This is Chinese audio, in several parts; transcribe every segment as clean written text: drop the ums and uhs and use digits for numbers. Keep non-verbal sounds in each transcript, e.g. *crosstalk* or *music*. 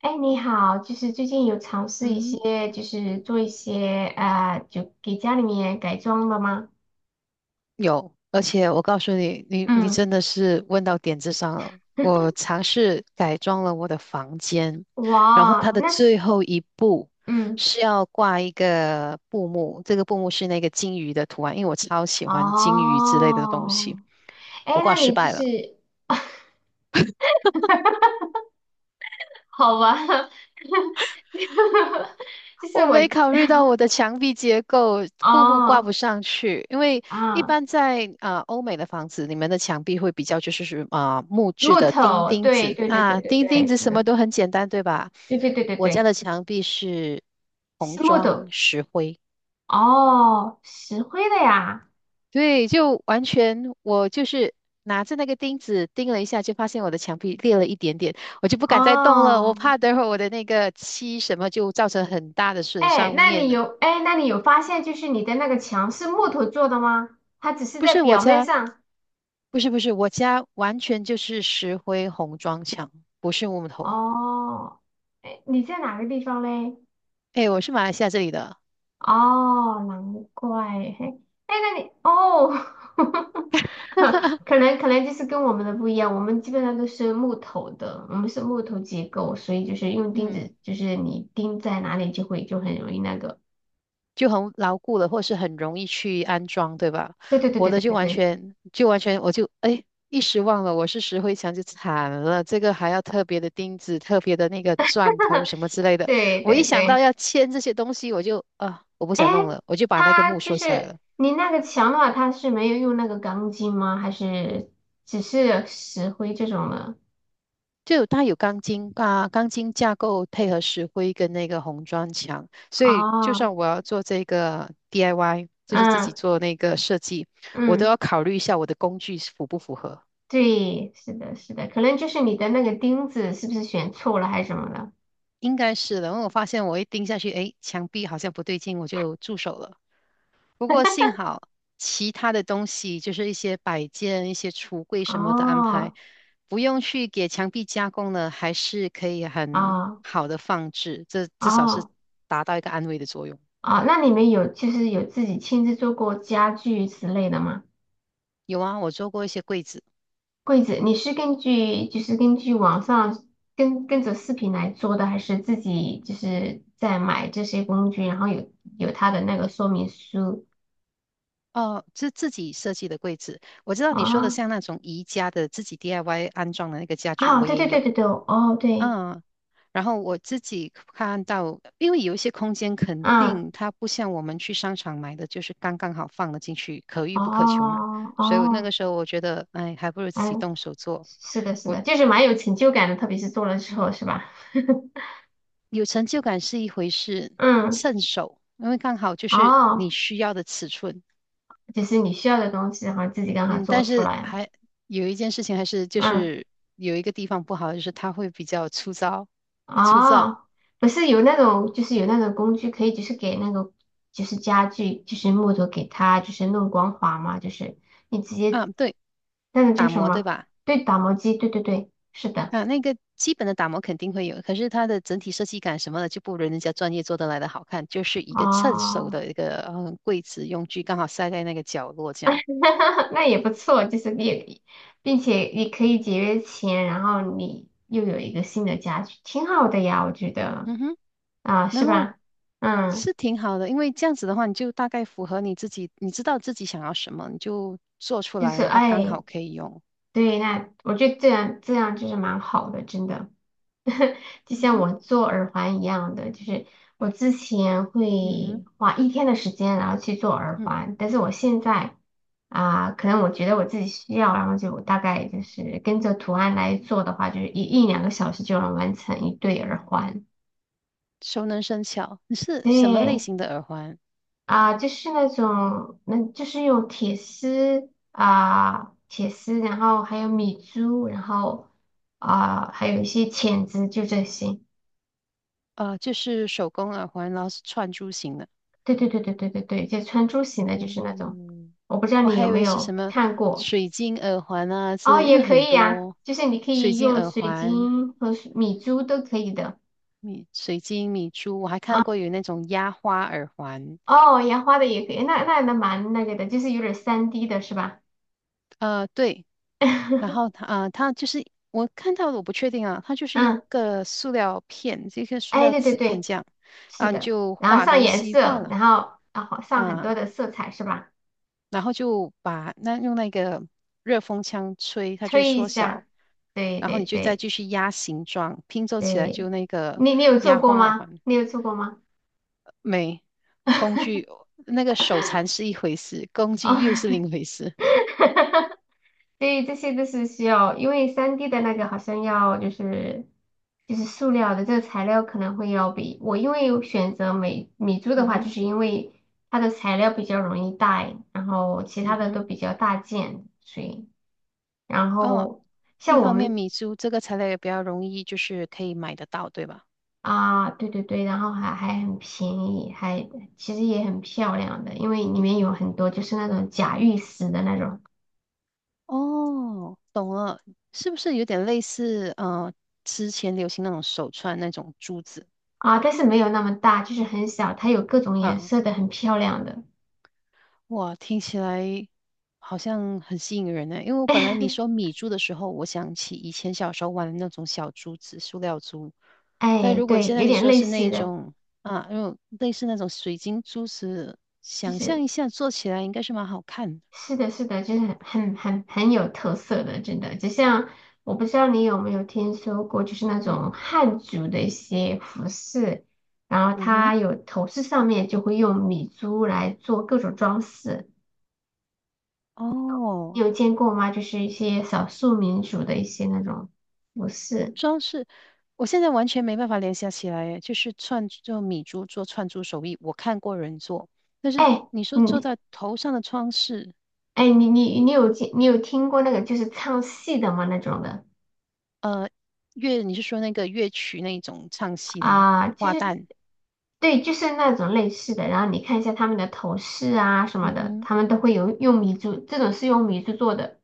哎，你好，就是最近有尝试一嗯，些，就是做一些就给家里面改装的吗？有，而且我告诉你，你嗯，真的是问到点子上了。我 *laughs* 尝试改装了我的房间，然后哇，它的那是，最后一步嗯，是要挂一个布幕，这个布幕是那个金鱼的图案，因为我超喜欢金鱼之类的东西，哦，哎，我挂那失你就败了。是好吧，*laughs* 就是我我，没考虑到我的墙壁结构，布幕挂不哦，上去，因为一啊，般在欧美的房子，你们的墙壁会比较就是木质木的钉头，钉对子对对对啊，对钉对，钉子是什么的，都很简单，对吧？对对对对我家对，的墙壁是红是木砖头，石灰，哦，石灰的呀，对，就完全我就是拿着那个钉子钉了一下，就发现我的墙壁裂了一点点，我就不敢再动了，我哦。怕等会儿我的那个漆什么就造成很大的损伤面了。那你有发现就是你的那个墙是木头做的吗？它只是不在是我表面家。上。不是，我家完全就是石灰红砖墙，不是木头。哦，哎，你在哪个地方嘞？哎，我是马来西亚这里的。哦，难怪。嘿，哎，那你哦，*laughs* 可能就是跟我们的不一样，我们基本上都是木头的，我们是木头结构，所以就是用钉嗯，子，就是你钉在哪里就会就很容易那个。就很牢固了，或是很容易去安装，对吧？对对对我对的对就对完对全就完全我就哎一时忘了我是石灰墙就惨了，这个还要特别的钉子、特别的那个钻头什么之类的。对我一对对想到对。要签这些东西，我就我不哎，想弄了，我就把那个它木就收起来是了。你那个墙的话，它是没有用那个钢筋吗？还是只是石灰这种的？就有它有钢筋啊，钢筋架构配合石灰跟那个红砖墙，所以就哦，算我要做这个 DIY,就是自己嗯做那个设计，我都嗯，要考虑一下我的工具符不符合。对，是的，是的，可能就是你的那个钉子是不是选错了还是什么的？应该是的，因为我发现我一盯下去，诶，墙壁好像不对劲，我就住手了。不过幸好其他的东西，就是一些摆件、一些橱柜什么的安排，哦不用去给墙壁加工了，还是可以很哦好的放置，这至少是哦达到一个安慰的作用。哦，那你们有就是有自己亲自做过家具之类的吗？有啊，我做过一些柜子。柜子，你是根据就是根据网上跟着视频来做的，还是自己就是在买这些工具，然后有它的那个说明书哦，是自己设计的柜子。我知道你说的啊？像那种宜家的自己 DIY 安装的那个家具，啊，我对也对对有。对对，哦对，嗯，然后我自己看到，因为有一些空间肯嗯，定它不像我们去商场买的，就是刚刚好放了进去，可遇不可求嘛。哦所以我那哦，个时候我觉得，哎，还不如自哎，己动手做。是的，是我的，就是蛮有成就感的，特别是做了之后，是吧？有成就感是一回事，*laughs* 嗯，趁手，因为刚好就是你哦，需要的尺寸，就是你需要的东西，然后自己刚好嗯，做但出是来，还有一件事情，还是就嗯。是有一个地方不好，就是它会比较粗糙，粗糙。哦，不是有那种，就是有那种工具可以，就是给那个，就是家具，就是木头给它，就是弄光滑嘛，就是你直接啊，对，那个叫打什磨，对么？吧？对，打磨机，对对对，是的，啊，那个基本的打磨肯定会有，可是它的整体设计感什么的就不如人家专业做得来的好看，就是一个趁手哦，的一个柜子用具，刚好塞在那个角落这样。*laughs* 那也不错，就是也，并且也可以节约钱，然后你又有一个新的家具，挺好的呀，我觉得嗯哼，啊，然是后吧？嗯，是挺好的，因为这样子的话，你就大概符合你自己，你知道自己想要什么，你就做出就来，是然后刚哎，好可以用。对，那我觉得这样这样就是蛮好的，真的。*laughs* 就嗯像哼，我做耳环一样的，就是我之前嗯哼。会花一天的时间，然后去做耳嗯。环，但是我现在啊、可能我觉得我自己需要，然后就大概就是跟着图案来做的话，就是一两个小时就能完成一对耳环。熟能生巧。你是什么类对型的耳环？啊、就是那种，那就是用铁丝啊、铁丝，然后还有米珠，然后啊、还有一些钳子，就这些。就是手工耳环，然后是串珠型的。对对对对对对对，就穿珠型的，就是那种，嗯，我不知道我你还有以没为是什有么看过水晶耳环啊之哦，类的，因为也可很以呀、多就是你可水以晶用耳水环、晶和水米珠都可以的米水晶米珠，我还看啊，过有那种压花耳环。哦，烟花的也可以，那蛮那个的，就是有点三 d 的是吧？对，然后它 *laughs* 啊、呃它就是我看到的，我不确定啊，它就是一嗯，个塑料片，这个塑哎，料对对纸片对，这样，然是后你的，就然后画上东颜西画色，了然后上很啊、多的色彩是吧？然后就把那用那个热风枪吹，它就会吹一缩小，下，对然后对你就再对继续压形状，拼凑起来就对，那个你有做压过花耳吗？环。你有做过吗？没，工 *laughs* 具那个手残是一回事，工具又是哦，另一回事。*laughs* 对，这些都是需要，因为三 d 的那个好像要就是塑料的这个材料可能会要比我因为选择美米珠嗯的话，哼，就是因为它的材料比较容易带，然后其嗯他的哼，都比较大件，所以然哦，后一像我方面们米珠这个材料也比较容易，就是可以买得到，对吧？啊，对对对，然后还很便宜，还其实也很漂亮的，因为里面有很多就是那种假玉石的那种哦，懂了，是不是有点类似之前流行那种手串那种珠子啊，但是没有那么大，就是很小，它有各种颜啊？色的，很漂亮的。哇，听起来好像很吸引人呢。因为我本来你 *laughs* 说米珠的时候，我想起以前小时候玩的那种小珠子、塑料珠。但哎，如果对，现在有你点说类是那似一的，种啊，用类似那种水晶珠子，就想象是一下做起来应该是蛮好看的。是的，是的，就是很有特色的，真的。就像我不知道你有没有听说过，就是那嗯种汉族的一些服饰，然后嗯哼，它有头饰上面就会用米珠来做各种装饰，你哦，有见过吗？就是一些少数民族的一些那种服饰。装饰，我现在完全没办法联想起来，就是米珠做串珠手艺，我看过人做，但是哎，你说做嗯，在头上的装饰。哎，你有听过那个就是唱戏的吗？那种的。呃，乐，你是说那个乐曲那种唱戏的吗？啊，其花实旦，对，就是那种类似的。然后你看一下他们的头饰啊什么嗯的，哼，他们都会有用米珠，这种是用米珠做的。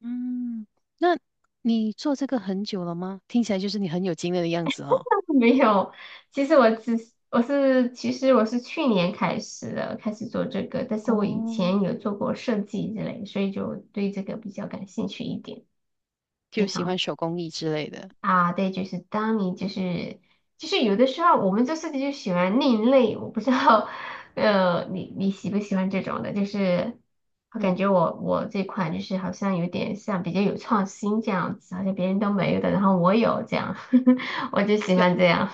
嗯，那你做这个很久了吗？听起来就是你很有经验的样子哦。*laughs* 没有，其实我是去年开始的，开始做这个，但是我以哦，前有做过设计之类，所以就对这个比较感兴趣一点，就经喜欢常。手工艺之类的，啊，对，就是当你就是有的时候我们做设计就喜欢另类，我不知道，*laughs* 你喜不喜欢这种的？就是我感嗯，觉我这款就是好像有点像比较有创新这样子，好像别人都没有的，然后我有这样，*laughs* 我就喜就欢这样。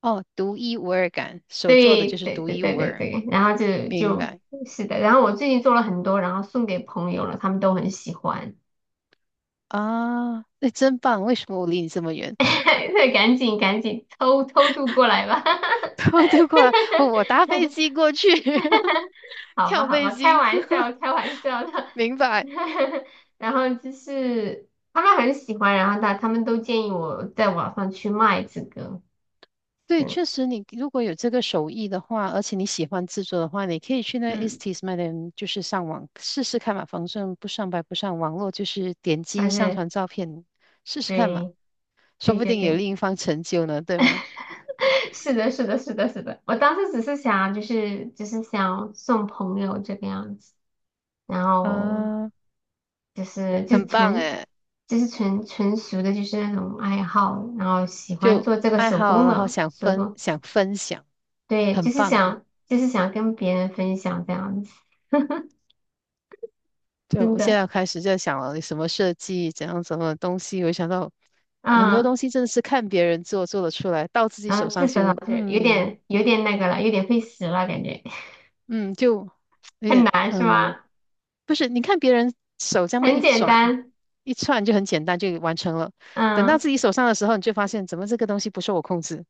哦，独一无二感，手做的对就是对独对一对无对二，对，然后就明就白是的，然后我最近做了很多，然后送给朋友了，他们都很喜欢，啊？那真棒，为什么我离你这么远？*laughs* 对，赶紧赶紧偷偷渡过来吧。*laughs* *laughs* 我都过来，我搭飞机过去，*laughs* 好吧，跳好飞吧，开机，玩 *laughs* 笑，开玩笑的。明白。*laughs* 然后就是他们很喜欢，然后他们都建议我在网上去卖这个，对，嗯，确实你如果有这个手艺的话，而且你喜欢制作的话，你可以去那 e s 嗯，t s m a d 就是上网试试看嘛，反正不上白不上，网络就是点击但上是传照片试试看嘛，对，说对不对定有对，另一方成就呢，对吗？*laughs* 是的，是的，是的，是的。我当时只是想，就是想送朋友这个样子，然后啊，就是就很棒纯诶，就是纯属的，就是那种爱好，然后喜欢就做这个爱手好，工然后的手工。想分享，对，就很是棒哦。想，就是想跟别人分享这样子，就真我现的，在开始在想了，你什么设计，怎样什么东西，我想到很多嗯，东西真的是看别人做得出来，到自己然后手自上首老就师有嗯。点有点那个了，有点费时了，感觉 嗯，就 *laughs* 有很点，难是吗？不是，你看别人手这么很一简转单，一串就很简单就完成了，等到嗯，自己手上的时候，你就发现怎么这个东西不受我控制。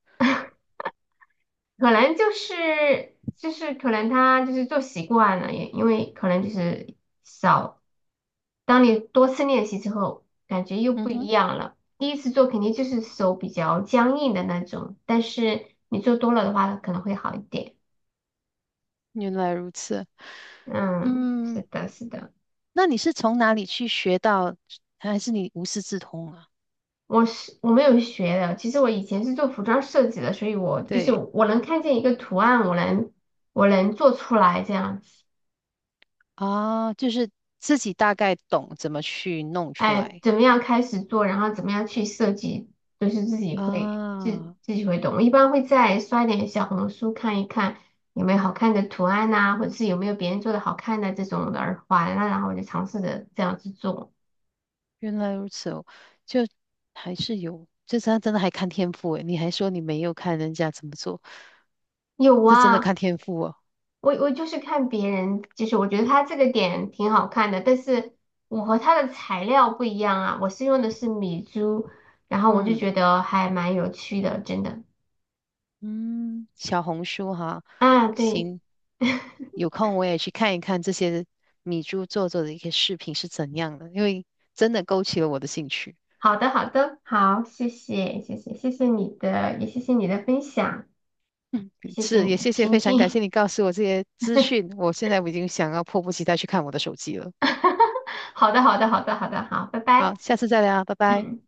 可能就是就是可能他就是做习惯了，也因为可能就是少，当你多次练习之后，感觉又嗯不一哼，样了。第一次做肯定就是手比较僵硬的那种，但是你做多了的话，可能会好一点。原来如此。嗯，嗯，是的，是的。那你是从哪里去学到，还是你无师自通啊？我没有学的，其实我以前是做服装设计的，所以我就是对我能看见一个图案，我能做出来这样子。啊，就是自己大概懂怎么去弄出哎，来怎么样开始做，然后怎么样去设计，都是自己会自啊。自己会懂。我一般会再刷点小红书看一看有没有好看的图案呐、或者是有没有别人做的好看的这种的耳环啊，然后我就尝试着这样子做。原来如此哦，就还是有，这真的还看天赋诶。你还说你没有看人家怎么做。有这真的啊，看天赋哦。我就是看别人，就是我觉得他这个点挺好看的，但是我和他的材料不一样啊，我是用的是米珠，然后我就觉嗯得还蛮有趣的，真的。嗯，小红书哈，啊，对，行，*laughs* 有空我也去看一看这些米珠做的一些视频是怎样的，因为真的勾起了我的兴趣。好的好的，好，谢谢谢谢谢谢你的，也谢谢你的分享，嗯，谢谢是，你也的谢谢，倾非常感听。谢你告诉我这些资讯，我现在我已经想要迫不及待去看我的手机了。*laughs* 好的好的好的好的，好，拜好，拜。下次再聊，拜拜。嗯。